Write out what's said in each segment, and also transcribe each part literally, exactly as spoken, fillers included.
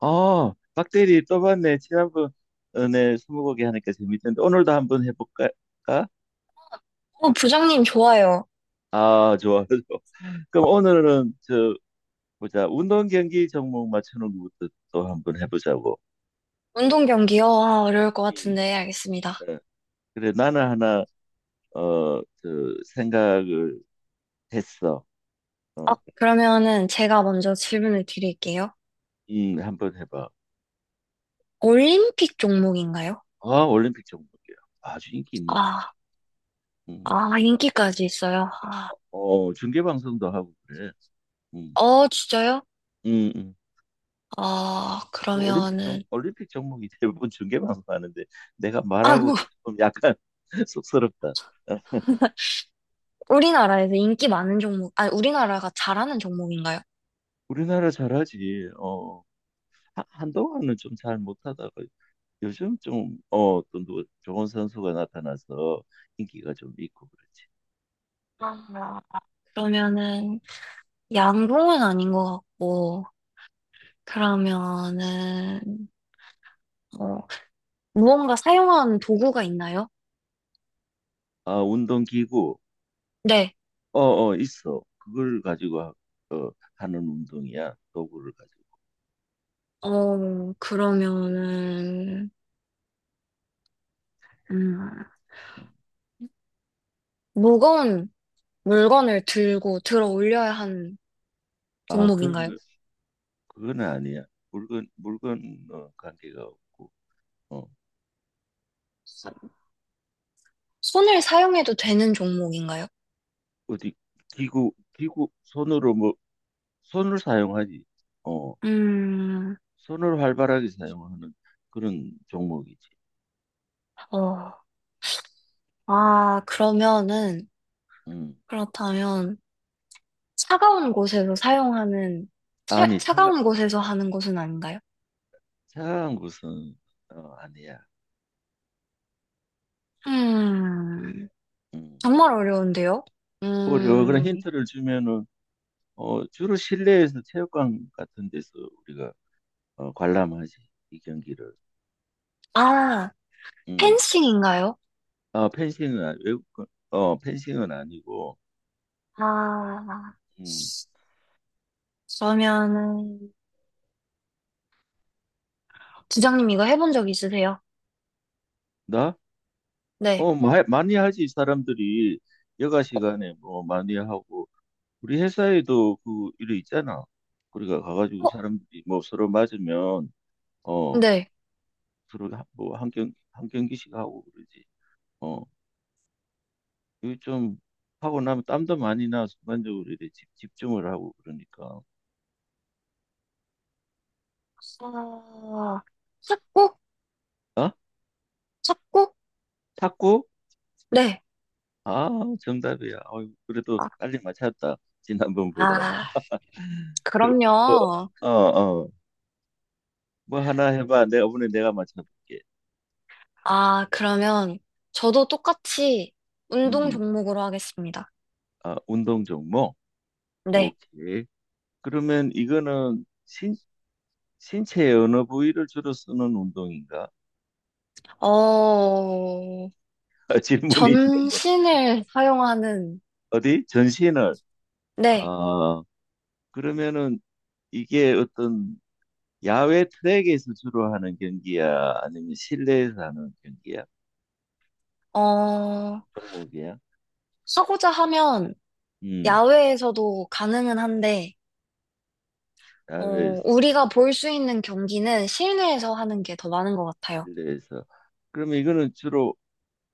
아, 박대리 또 봤네. 지난번에 스무고개 하니까 재밌던데 오늘도 한번 해볼까? 어, 부장님 좋아요. 아, 좋아, 좋아. 그럼 오늘은 저 보자. 운동 경기 종목 맞추는 것부터 또 한번 해보자고. 운동 경기요? 아, 어려울 것 음. 같은데 알겠습니다. 어, 그래, 나는 하나 어, 저 생각을 했어. 아, 어, 그러면은 제가 먼저 질문을 드릴게요. 음, 한번 해봐. 올림픽 종목인가요? 아, 올림픽 종목이야. 아주 인기 있는 종목. 아, 음, 아, 중계, 인기까지 있어요. 아, 어, 중계 방송도 하고 그래. 음, 어, 진짜요? 음, 음. 아, 올림픽 종, 그러면은 올림픽 종목이 대부분 중계방송 하는데 내가 아, 뭐 말하고도 좀 약간 쑥스럽다. 어, 우리나라에서 인기 많은 종목, 아니 우리나라가 잘하는 종목인가요? 우리나라 잘하지. 어, 하- 한동안은 좀 잘 못하다가 요즘 좀, 어, 또 누- 좋은 선수가 나타나서 인기가 좀 있고 그렇지. 아, 그러면은 양궁은 아닌 것 같고 그러면은 어, 무언가 사용하는 도구가 있나요? 아, 운동기구. 네. 어, 어, 있어. 그걸 가지고 하- 어, 하는 운동이야. 도구를 가지고. 어, 그러면은, 음, 음. 무거운 물건을 들고 들어 올려야 하는 아, 그런 종목인가요? 거, 그건 아니야. 물건, 물건, 어, 관계가 없고. 어. 손을 사용해도 되는 종목인가요? 어디 기구 기구 손으로 뭐 손을 사용하지. 어, 음, 손을 활발하게 사용하는 그런 종목이지. 어, 아, 그러면은, 음. 그렇다면, 차가운 곳에서 사용하는, 차, 아니, 차가 차가운 곳에서 하는 것은 아닌가요? 차가운 곳은 어, 아니야. 음, 음. 정말 어려운데요? 어려워. 그런 음, 힌트를 주면은 어, 주로 실내에서 체육관 같은 데서 우리가 어, 관람하지. 이 경기를. 아, 음. 펜싱인가요? 아, 펜싱은 아니- 외국 거- 어, 펜싱은 아니고. 아, 음. 그러면은, 지장님 이거 해본 적 있으세요? 나? 네. 어, 마, 많이 하지 사람들이 여가 어, 시간에 뭐 많이 하고 우리 회사에도 그 일이 있잖아. 우리가 가가지고 어, 사람들이 뭐 서로 맞으면 어 네. 서로 하- 뭐 한경 한 경기씩 하고 그러지. 어 이거 좀 하고 나면 땀도 많이 나 순간적으로 이래 집, 집중을 하고 그러니까. 아, 찾고? 어? 찾고? 탁구? 네. 아, 정답이야. 어이, 그래도 아, 빨리 맞췄다. 지난번보다는. 아, 그럼요. 어, 어, 어. 뭐 하나 해봐. 내가 오늘 내가 맞춰볼게. 아, 그러면 저도 똑같이 운동 음, 종목으로 하겠습니다. 아, 운동 종목. 네. 오케이. 그러면 이거는 신 신체의 어느 부위를 주로 쓰는 운동인가? 어, 질문이 있는 분. 전신을 사용하는, 어디? 전신을. 네. 아, 그러면은 이게 어떤 야외 트랙에서 주로 하는 경기야? 아니면 실내에서 하는 경기야? 어, 종목이야? 하고자 하면 음, 야외에서도 가능은 한데, 야외에서, 어, 우리가 볼 수 있는 경기는 실내에서 하는 게 더 많은 것 같아요. 실내에서. 그러면 이거는 주로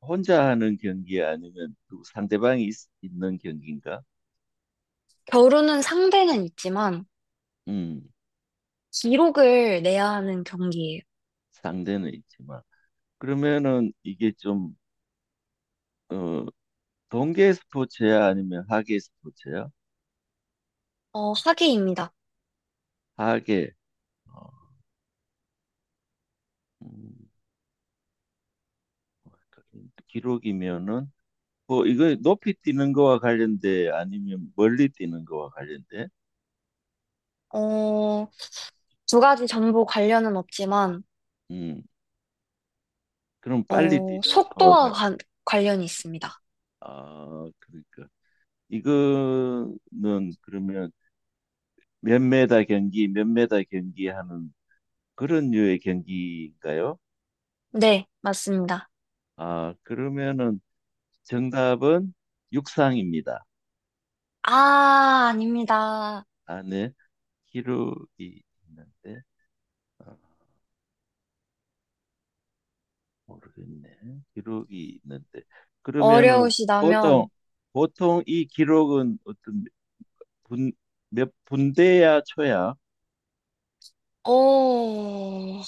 혼자 하는 경기야? 아니면 누구 상대방이 있, 있는 경기인가? 결혼은 상대는 있지만 음, 기록을 내야 하는 경기예요. 상대는 있지만. 그러면은 이게 좀, 어, 동계 스포츠야? 아니면 하계 스포츠야? 어, 학위입니다. 하게. 어, 음, 기록이면은 뭐 이거 높이 뛰는 거와 관련돼 아니면 멀리 뛰는 거와 관련돼? 어, 두 가지 정보 관련은 없지만 음, 그럼 빨리 어, 뛰는 거와 속도와 관. 관, 관련이 있습니다. 아, 그러니까 이거는 그러면 몇 메다 경기, 몇 메다 경기 하는 그런 류의 경기인가요? 네, 맞습니다. 아, 그러면은 정답은 육상입니다. 아, 아닙니다. 안에 기록이 있는데. 어. 모르겠네. 기록이 있는데. 그러면은 보통 어려우시다면 보통 이 기록은 어떤 분, 몇 분대야 초야? 어,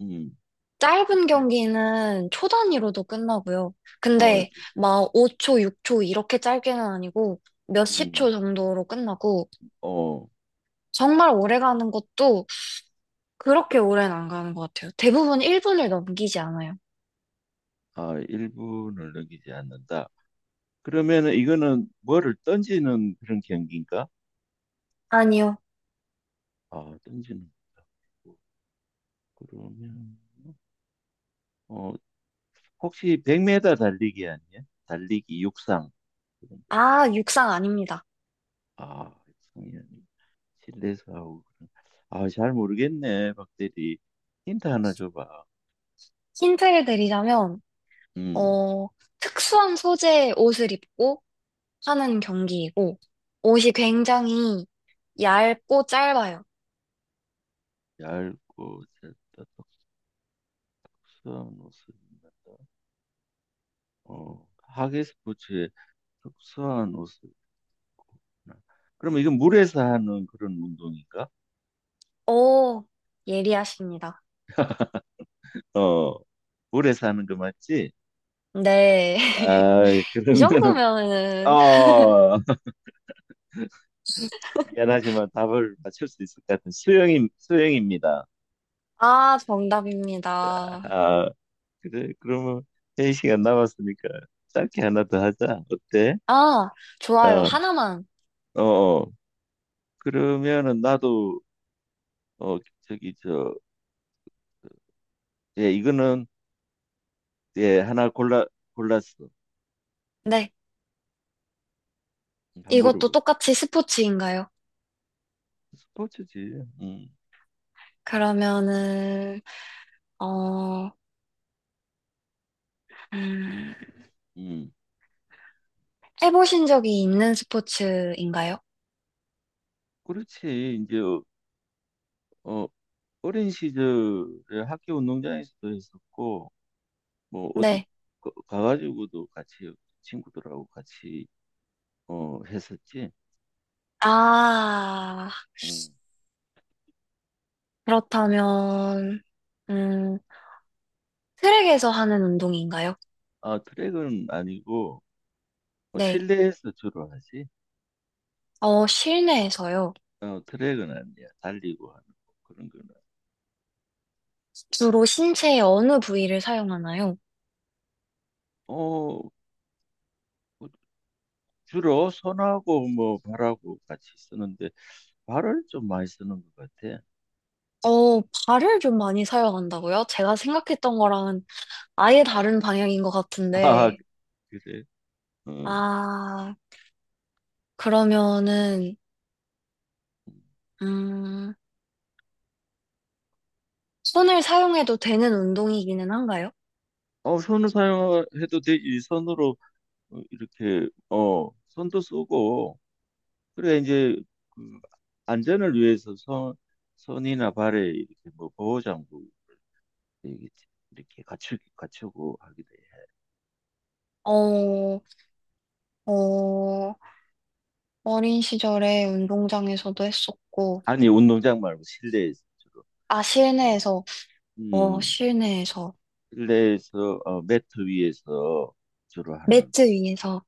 음. 짧은 예. 경기는 초 단위로도 끝나고요. 어, 근데 막 오 초, 육 초 이렇게 짧게는 아니고 몇십 초 음. 정도로 끝나고 어, 정말 오래 가는 것도 그렇게 오래는 안 가는 것 같아요. 대부분 일 분을 넘기지 않아요. 아, 일 분을 넘기지 않는다. 그러면은 이거는 뭐를 던지는 그런 경기인가? 아니요. 아, 던지는 거 그러면 어, 혹시 백 미터 달리기 아니야? 달리기 육상. 그런 거. 아, 육상 아닙니다. 아, 육상이 아니 실내에서 하고 그런. 아, 잘 모르겠네, 박대리. 힌트 하나 줘봐. 힌트를 드리자면, 음, 어, 특수한 소재의 옷을 입고 하는 경기이고, 옷이 굉장히 얇고 짧아요. 얇고 짧다. 특수한 옷을 입는다. 어, 하계 스포츠에 특수한 옷을 입고. 그럼 이건 물에서 하는 그런 운동인가? 오, 예리하십니다. 어, 물에서 하는 거 맞지? 네. 아, 이 그러면은 정도면은, 어, 미안하지만 답을 맞출 수 있을 것 같은 수영임 수영입니다. 아, 정답입니다. 아, 그래, 그러면 세 시간 남았으니까 짧게 하나 더 하자. 어때? 아, 좋아요. 어, 하나만. 어, 어. 그러면은 나도 어 저기 저 예, 이거는 예, 하나 골라 골랐어. 네. 한 이것도 물어봐. 똑같이 스포츠인가요? 스포츠지. 음. 그러면은, 어, 음, 음. 해보신 적이 있는 스포츠인가요? 그렇지. 이제 어 어, 어린 시절에 학교 운동장에서도 했었고 뭐 어디 네. 가- 가가지고도 같이 친구들하고 같이 어 했었지. 아, 음. 그렇다면, 음, 트랙에서 하는 운동인가요? 아, 트랙은 아니고 어, 네. 실내에서 주로 하지. 어, 실내에서요. 어, 트랙은 아니야. 달리고 하는 거, 그런 거는. 주로 신체의 어느 부위를 사용하나요? 어, 뭐 주로 손하고 뭐 발하고 같이 쓰는데 발을 좀 많이 쓰는 것 같아. 어, 발을 좀 많이 사용한다고요? 제가 생각했던 거랑은 아예 다른 방향인 것 아, 같은데. 그래. 어, 아, 그러면은, 음, 손을 사용해도 되는 운동이기는 한가요? 어 손을 사용해도 되지. 손으로 어, 이렇게 어 손도 쓰고 그래 이제 그 안전을 위해서 손 손이나 발에 이렇게 뭐 보호 장구 이렇게 갖추 갖추고 하게 돼. 어, 어, 어린 시절에 운동장에서도 했었고, 아니 운동장 말고 실내에서. 아, 어, 실내에서, 어, 음, 실내에서, 실내에서 어, 매트 위에서 주로 하는 매트 위에서.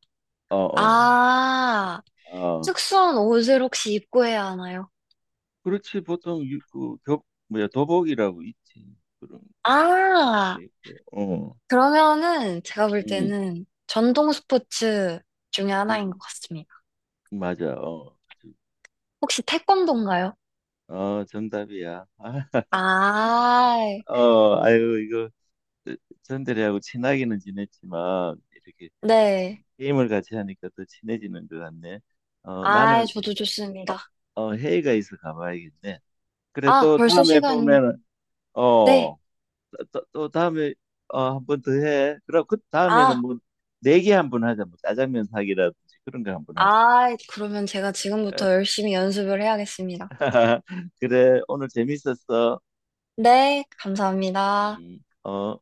어, 어, 아, 어, 아, 특수한 옷을 혹시 입고 해야 하나요? 그렇지, 보통 유, 그 교, 뭐야, 도복이라고 있지, 그런 경우도 아, 있고, 어, 그러면은 제가 볼 음, 때는 전동 스포츠 중에 하나인 음, 것 같습니다. 맞아, 어, 아주- 혹시 태권도인가요? 어, 정답이야. 아, 아, 어, 아유, 이거 전대리하고 친하기는 지냈지만 이렇게 네. 게임을 같이 하니까 더 친해지는 것 같네. 어, 아, 나는 저도 어, 좋습니다. 어, 회의가 있어 가봐야겠네. 그래 아, 또 벌써 다음에 시간이. 보면은 네. 어또 또또 다음에 어 한 번 더 해. 그럼 그 다음에는 아. 뭐 네 개 한 번 하자. 뭐 짜장면 사기라든지 그런 거 한 번 하지 뭐. 아, 그러면 제가 지금부터 열심히 연습을 해야겠습니다. 그래, 오늘 재밌었어. 네, 감사합니다. 음, 어.